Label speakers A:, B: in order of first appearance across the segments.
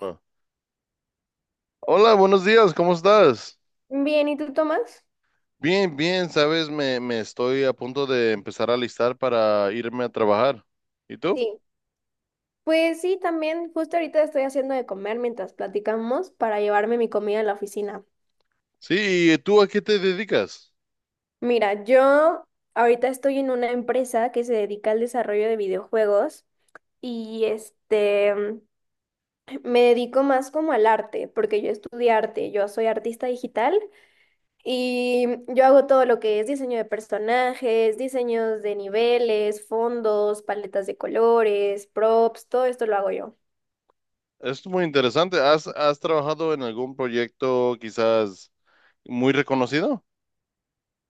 A: Ah. Hola, buenos días, ¿cómo estás?
B: Bien, ¿y tú, Tomás?
A: Bien, bien, sabes, me estoy a punto de empezar a alistar para irme a trabajar. ¿Y tú?
B: Sí. Pues sí, también justo ahorita estoy haciendo de comer mientras platicamos para llevarme mi comida a la oficina.
A: Sí, ¿y tú a qué te dedicas?
B: Mira, yo ahorita estoy en una empresa que se dedica al desarrollo de videojuegos y me dedico más como al arte, porque yo estudié arte, yo soy artista digital y yo hago todo lo que es diseño de personajes, diseños de niveles, fondos, paletas de colores, props, todo esto lo hago yo.
A: Es muy interesante. ¿Has trabajado en algún proyecto quizás muy reconocido?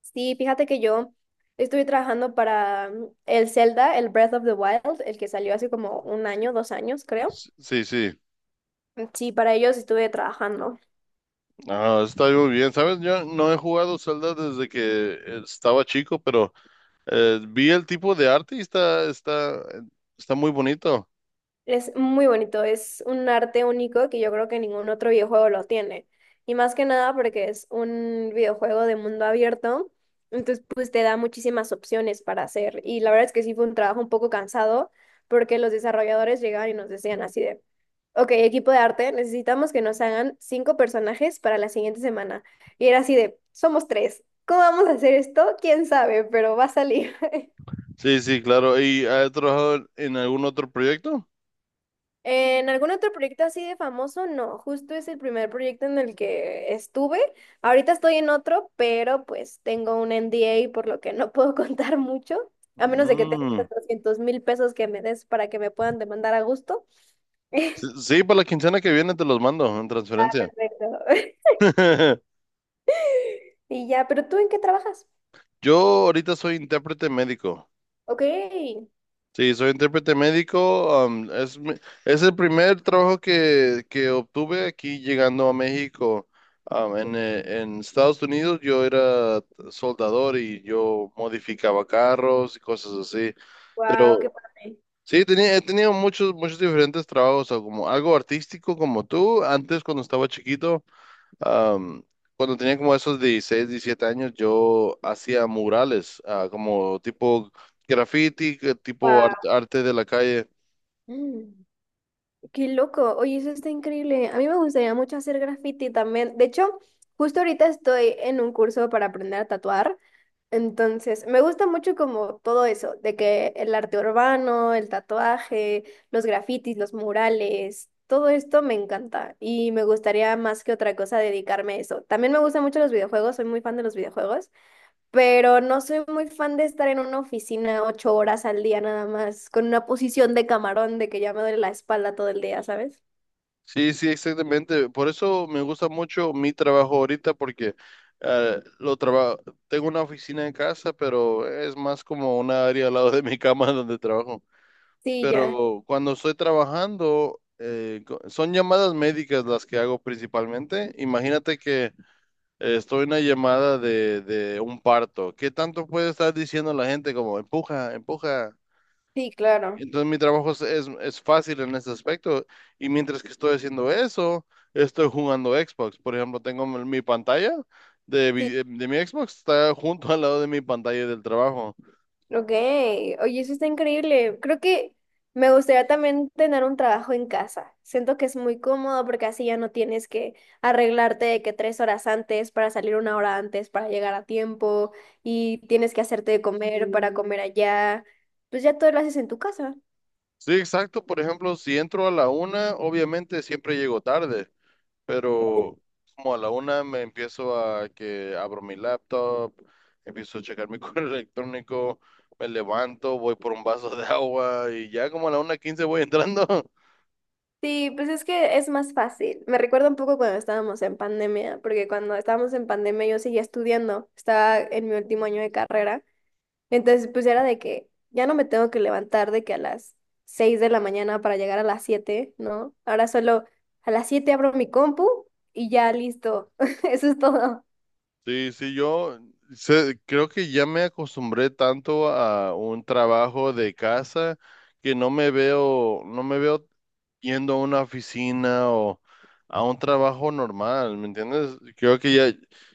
B: Sí, fíjate que yo estuve trabajando para el Zelda, el Breath of the Wild, el que salió hace como un año, 2 años, creo.
A: Sí, sí.
B: Sí, para ellos estuve trabajando.
A: Ah, está muy bien. Sabes, yo no he jugado Zelda desde que estaba chico, pero vi el tipo de arte y está muy bonito.
B: Es muy bonito, es un arte único que yo creo que ningún otro videojuego lo tiene. Y más que nada porque es un videojuego de mundo abierto, entonces pues te da muchísimas opciones para hacer. Y la verdad es que sí fue un trabajo un poco cansado porque los desarrolladores llegaban y nos decían así de, ok, equipo de arte, necesitamos que nos hagan cinco personajes para la siguiente semana. Y era así de, somos tres, ¿cómo vamos a hacer esto? ¿Quién sabe? Pero va a salir.
A: Sí, sí, claro. ¿Y has trabajado en algún otro proyecto?
B: En algún otro proyecto así de famoso, no, justo es el primer proyecto en el que estuve. Ahorita estoy en otro, pero pues tengo un NDA por lo que no puedo contar mucho, a menos de que tengas
A: Mm.
B: 400 mil pesos que me des para que me puedan demandar a gusto.
A: Sí, sí, para la quincena que viene te los mando en
B: Ah,
A: transferencia.
B: perfecto. Y ya, pero ¿tú en qué trabajas?
A: Yo ahorita soy intérprete médico.
B: Ok,
A: Sí, soy intérprete médico. Es el primer trabajo que obtuve aquí llegando a México. En Estados Unidos yo era soldador y yo modificaba carros y cosas así. Pero
B: wow, qué padre.
A: sí, he tenido muchos, muchos diferentes trabajos, o como algo artístico como tú. Antes, cuando estaba chiquito, am, cuando tenía como esos 16, 17 años, yo hacía murales, ah, como tipo graffiti, que tipo arte de la calle.
B: Wow. Qué loco, oye, eso está increíble. A mí me gustaría mucho hacer graffiti también. De hecho, justo ahorita estoy en un curso para aprender a tatuar. Entonces, me gusta mucho como todo eso, de que el arte urbano, el tatuaje, los grafitis, los murales, todo esto me encanta y me gustaría más que otra cosa dedicarme a eso. También me gustan mucho los videojuegos, soy muy fan de los videojuegos pero no soy muy fan de estar en una oficina 8 horas al día nada más, con una posición de camarón de que ya me duele la espalda todo el día, ¿sabes?
A: Sí, sí, exactamente. Por eso me gusta mucho mi trabajo ahorita, porque eh, lo traba- tengo una oficina en casa, pero es más como una área al lado de mi cama donde trabajo.
B: Sí, ya.
A: Pero cuando estoy trabajando, son llamadas médicas las que hago principalmente. Imagínate que estoy en una llamada de un parto. ¿Qué tanto puede estar diciendo la gente como empuja, empuja?
B: Sí, claro.
A: Entonces mi trabajo es fácil en ese aspecto. Y mientras que estoy haciendo eso, estoy jugando Xbox. Por ejemplo, tengo mi pantalla
B: Sí.
A: de mi Xbox, está junto al lado de mi pantalla del trabajo.
B: Ok. Oye, eso está increíble. Creo que me gustaría también tener un trabajo en casa. Siento que es muy cómodo porque así ya no tienes que arreglarte de que 3 horas antes para salir una hora antes para llegar a tiempo y tienes que hacerte de comer para comer allá. Pues ya todo lo haces en tu casa.
A: Sí, exacto. Por ejemplo, si entro a la una, obviamente siempre llego tarde, pero como a la una me empiezo a que abro mi laptop, empiezo a checar mi correo electrónico, me levanto, voy por un vaso de agua y ya como a la una quince voy entrando.
B: Sí, pues es que es más fácil. Me recuerda un poco cuando estábamos en pandemia, porque cuando estábamos en pandemia yo seguía estudiando, estaba en mi último año de carrera, entonces pues era de que ya no me tengo que levantar de que a las 6 de la mañana para llegar a las 7, ¿no? Ahora solo a las 7 abro mi compu y ya listo, eso es todo.
A: Sí, sí, creo que ya me acostumbré tanto a un trabajo de casa que no me veo yendo a una oficina o a un trabajo normal, ¿me entiendes? Creo que ya,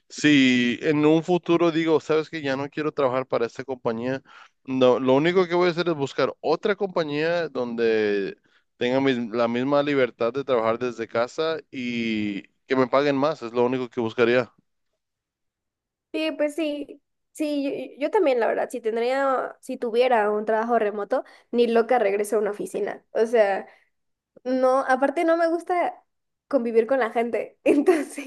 A: si en un futuro digo, sabes que ya no quiero trabajar para esta compañía, no, lo único que voy a hacer es buscar otra compañía donde tenga la misma libertad de trabajar desde casa y que me paguen más, es lo único que buscaría.
B: Sí, pues sí, sí, yo también la verdad, si tendría, si tuviera un trabajo remoto, ni loca regreso a una oficina, o sea... No, aparte no me gusta convivir con la gente. Entonces,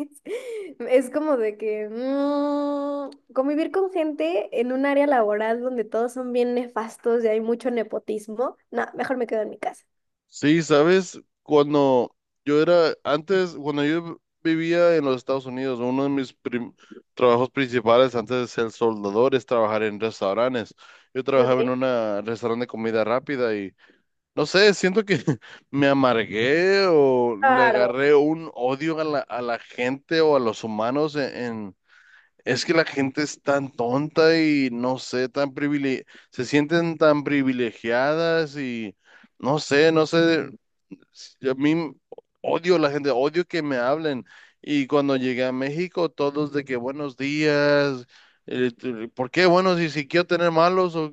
B: es como de que convivir con gente en un área laboral donde todos son bien nefastos y hay mucho nepotismo, no, mejor me quedo en mi casa.
A: Sí, sabes, cuando cuando yo vivía en los Estados Unidos, uno de mis trabajos principales antes de ser soldador es trabajar en restaurantes. Yo trabajaba en
B: Ok.
A: una restaurante de comida rápida y no sé, siento que me amargué o le
B: Claro.
A: agarré un odio a a la gente o a los humanos Es que la gente es tan tonta y no sé, se sienten tan privilegiadas y... No sé, no sé. Yo a mí odio a la gente, odio que me hablen. Y cuando llegué a México, todos de que buenos días, ¿por qué buenos? Y si quiero tener malos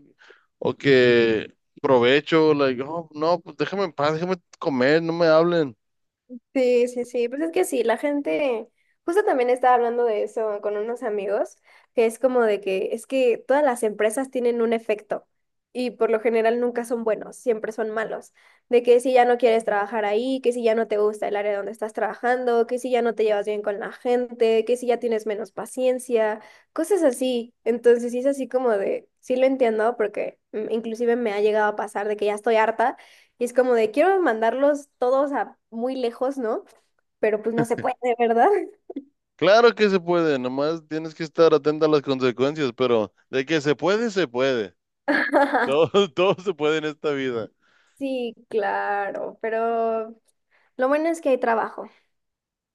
A: o que provecho, like, "Oh, no, pues déjame en paz, déjame comer, no me hablen."
B: Sí, sí, sí, pues es que sí, la gente, justo también estaba hablando de eso con unos amigos, que es como de que es que todas las empresas tienen un efecto y por lo general nunca son buenos, siempre son malos, de que si ya no quieres trabajar ahí, que si ya no te gusta el área donde estás trabajando, que si ya no te llevas bien con la gente, que si ya tienes menos paciencia, cosas así. Entonces sí es así como de, sí lo entiendo porque inclusive me ha llegado a pasar de que ya estoy harta y es como de, quiero mandarlos todos a muy lejos, ¿no? Pero pues no se puede, ¿verdad?
A: Claro que se puede, nomás tienes que estar atento a las consecuencias, pero de que se puede, se puede. Todo, todo se puede en esta vida.
B: Sí, claro, pero lo bueno es que hay trabajo.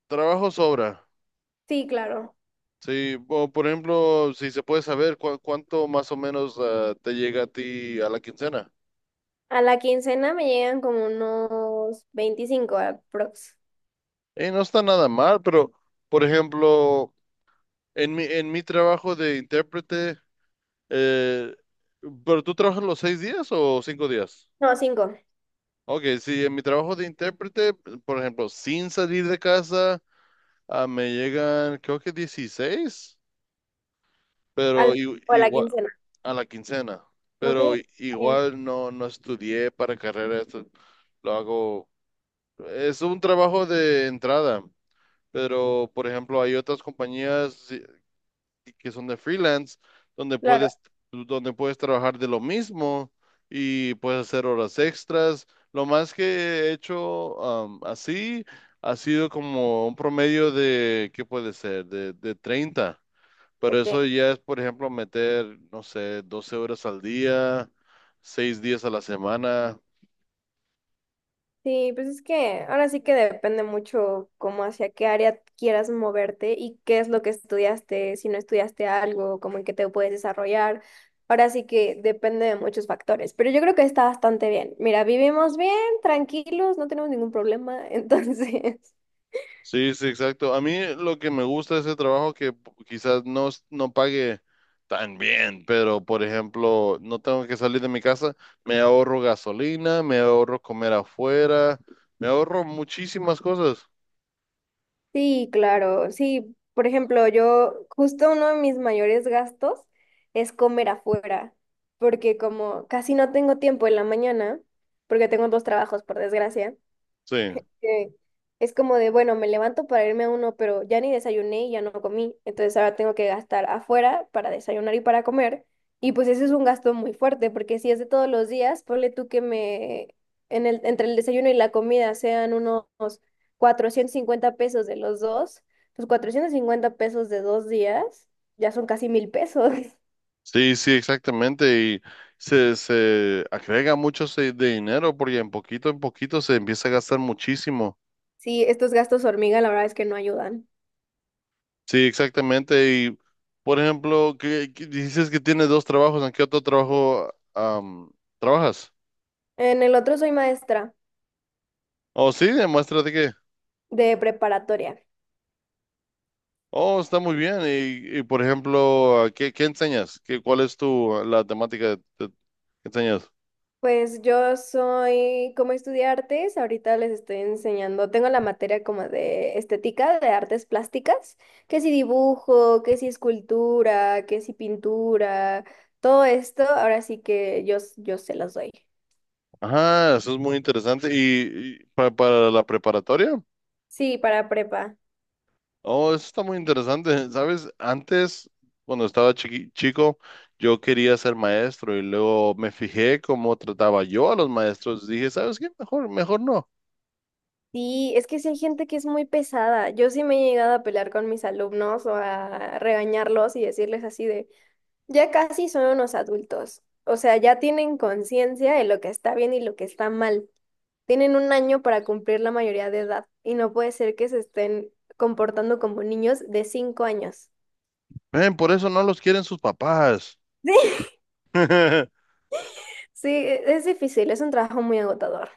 A: Trabajo sobra.
B: Sí, claro.
A: Sí, o por ejemplo, si se puede saber cuánto más o menos te llega a ti a la quincena.
B: A la quincena me llegan como unos 25 aprox.
A: No está nada mal, pero por ejemplo, en mi trabajo de intérprete, eh, ¿pero tú trabajas los seis días o cinco días?
B: No, cinco
A: Ok, sí, en mi trabajo de intérprete, por ejemplo, sin salir de casa, ah, me llegan creo que 16. Pero
B: al, o a la
A: igual
B: quincena.
A: a la quincena,
B: Ok,
A: pero
B: está bien,
A: igual no, no estudié para carrera, esto lo hago, es un trabajo de entrada, pero por ejemplo hay otras compañías que son de freelance donde
B: claro,
A: puedes, donde puedes trabajar de lo mismo y puedes hacer horas extras. Lo más que he hecho así ha sido como un promedio de, ¿qué puede ser? De 30, pero
B: ok.
A: eso ya es, por ejemplo, meter, no sé, 12 horas al día, 6 días a la semana.
B: Sí, pues es que ahora sí que depende mucho como hacia qué área quieras moverte y qué es lo que estudiaste, si no estudiaste algo, como en qué te puedes desarrollar. Ahora sí que depende de muchos factores, pero yo creo que está bastante bien. Mira, vivimos bien, tranquilos, no tenemos ningún problema, entonces.
A: Sí, sí, exacto. A mí lo que me gusta de ese trabajo que p- quizás no, es- no pague tan bien, pero por ejemplo, no tengo que salir de mi casa, me ahorro gasolina, me ahorro comer afuera, me ahorro muchísimas cosas.
B: Sí, claro, sí. Por ejemplo, yo justo uno de mis mayores gastos es comer afuera, porque como casi no tengo tiempo en la mañana, porque tengo dos trabajos, por desgracia.
A: Sí,
B: Que es como de, bueno, me levanto para irme a uno, pero ya ni desayuné y ya no comí, entonces ahora tengo que gastar afuera para desayunar y para comer, y pues ese es un gasto muy fuerte, porque si es de todos los días, ponle tú que me, en el, entre el desayuno y la comida sean unos 450 pesos de los dos, pues 450 pesos de 2 días ya son casi 1.000 pesos.
A: sí, sí, exactamente. Y se agrega mucho ese de dinero porque en poquito se empieza a gastar muchísimo.
B: Sí, estos gastos hormiga la verdad es que no ayudan.
A: Sí, exactamente. Y, por ejemplo, que dices que tienes dos trabajos, ¿en qué otro trabajo trabajas?
B: En el otro soy maestra
A: Oh, sí, demuéstrate que.
B: de preparatoria.
A: Oh, está muy bien. Y, por ejemplo, ¿qué, qué enseñas? ¿Cuál es la temática que enseñas?
B: Pues yo soy, como estudié artes, ahorita les estoy enseñando, tengo la materia como de estética, de artes plásticas, que si dibujo, que si escultura, que si pintura, todo esto, ahora sí que yo, yo se los doy.
A: Ajá, eso es muy interesante. ¿Y, para, la preparatoria?
B: Sí, para prepa.
A: Oh, eso está muy interesante. ¿Sabes? Antes, cuando estaba chico, yo quería ser maestro y luego me fijé cómo trataba yo a los maestros. Dije, ¿sabes qué? Mejor, mejor no.
B: Sí, es que sí hay gente que es muy pesada. Yo sí me he llegado a pelear con mis alumnos o a regañarlos y decirles así de, ya casi son unos adultos. O sea, ya tienen conciencia de lo que está bien y lo que está mal. Tienen un año para cumplir la mayoría de edad y no puede ser que se estén comportando como niños de 5 años.
A: Ven, por eso no los quieren sus papás.
B: Sí. Sí, es difícil, es un trabajo muy agotador.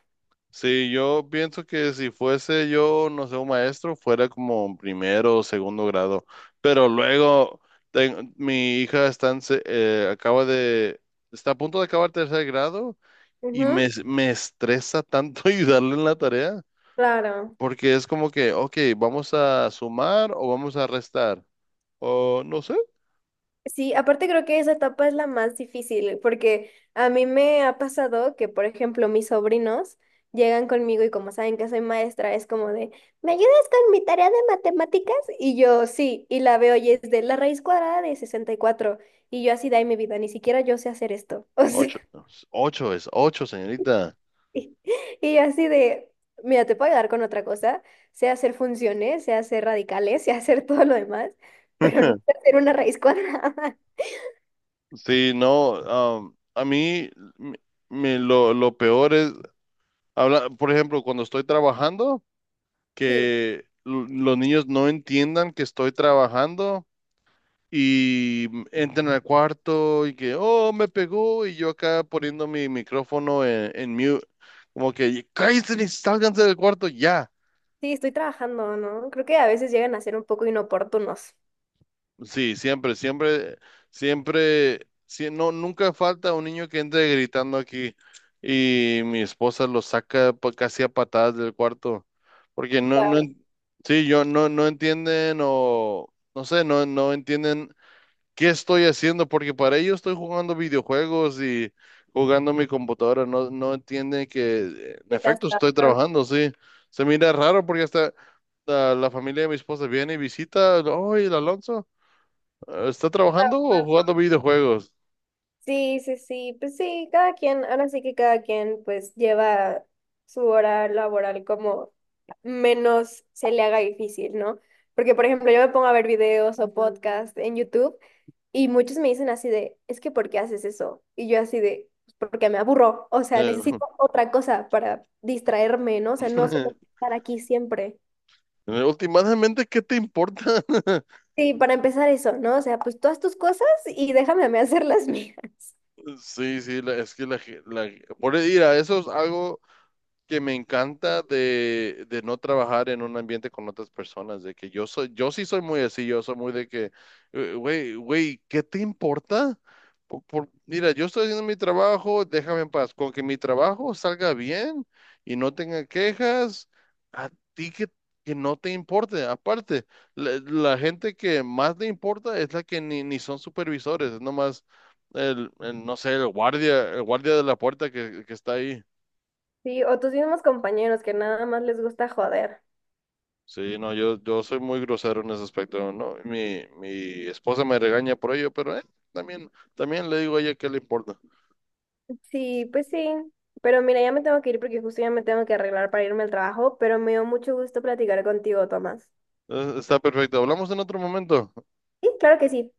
A: Sí, yo pienso que si fuese yo, no sé, un maestro, fuera como primero o segundo grado. Pero luego, mi hija está en está a punto de acabar tercer grado y
B: Ujú,
A: me estresa tanto ayudarle en la tarea,
B: claro.
A: porque es como que, ok, vamos a sumar o vamos a restar, o no sé,
B: Sí, aparte creo que esa etapa es la más difícil, porque a mí me ha pasado que, por ejemplo, mis sobrinos llegan conmigo y como saben que soy maestra, es como de, ¿me ayudas con mi tarea de matemáticas? Y yo, sí, y la veo y es de la raíz cuadrada de 64 y yo así, de ahí mi vida, ni siquiera yo sé hacer esto. O sea,
A: ocho, ocho es ocho, señorita.
B: Y y yo así de, mira, te puedo ayudar con otra cosa, sé hacer funciones, sé hacer radicales, sé hacer todo lo demás, pero no sé hacer una raíz cuadrada.
A: Sí, no, a mí me, me lo peor es, habla, por ejemplo, cuando estoy trabajando,
B: Sí,
A: que los niños no entiendan que estoy trabajando y entran al cuarto y que, oh, me pegó y yo acá poniendo mi micrófono en mute, como que, cállate y sálganse del cuarto ya.
B: sí, estoy trabajando, ¿no? Creo que a veces llegan a ser un poco inoportunos.
A: Sí, siempre, siempre, siempre, sí, no, nunca falta un niño que entre gritando aquí y mi esposa lo saca casi a patadas del cuarto, porque
B: Claro,
A: sí, yo no, no entienden o, no sé, no entienden. ¿Qué estoy haciendo? Porque para ello estoy jugando videojuegos y jugando mi computadora. No, no entienden que en
B: estás
A: efecto estoy
B: trabajando.
A: trabajando, sí. Se mira raro porque hasta la familia de mi esposa viene y visita. Oye, el Alonso, ¿está trabajando o jugando videojuegos?
B: Sí, sí, sí, pues sí, cada quien, ahora sí que cada quien pues lleva su hora laboral como menos se le haga difícil, ¿no? Porque, por ejemplo, yo me pongo a ver videos o podcasts en YouTube y muchos me dicen así de, es que ¿por qué haces eso? Y yo así de, "Pues porque me aburro, o sea,
A: Eh,
B: necesito otra cosa para distraerme, ¿no? O sea, no solo estar aquí siempre.
A: últimamente, ¿qué te importa?
B: Sí, para empezar eso, ¿no? O sea, pues todas tus cosas y déjame a mí hacer las mías.
A: Sí, sí, la- es que la, ge- la- por ir a eso es algo que me encanta de no trabajar en un ambiente con otras personas, de que yo soy, yo sí soy muy así, yo soy muy de que, güey, güey, ¿qué te importa? Mira, yo estoy haciendo mi trabajo, déjame en paz, con que mi trabajo salga bien y no tenga quejas, a ti que no te importe, aparte, la gente que más le importa es la que ni son supervisores, es nomás no sé, el guardia de la puerta que está ahí.
B: Sí, o tus mismos compañeros que nada más les gusta joder.
A: Sí, no, yo soy muy grosero en ese aspecto, ¿no? Mi esposa me regaña por ello, pero también, también le digo a ella que le importa.
B: Sí, pues sí. Pero mira, ya me tengo que ir porque justo ya me tengo que arreglar para irme al trabajo, pero me dio mucho gusto platicar contigo, Tomás.
A: Está perfecto. Hablamos en otro momento.
B: Sí, claro que sí.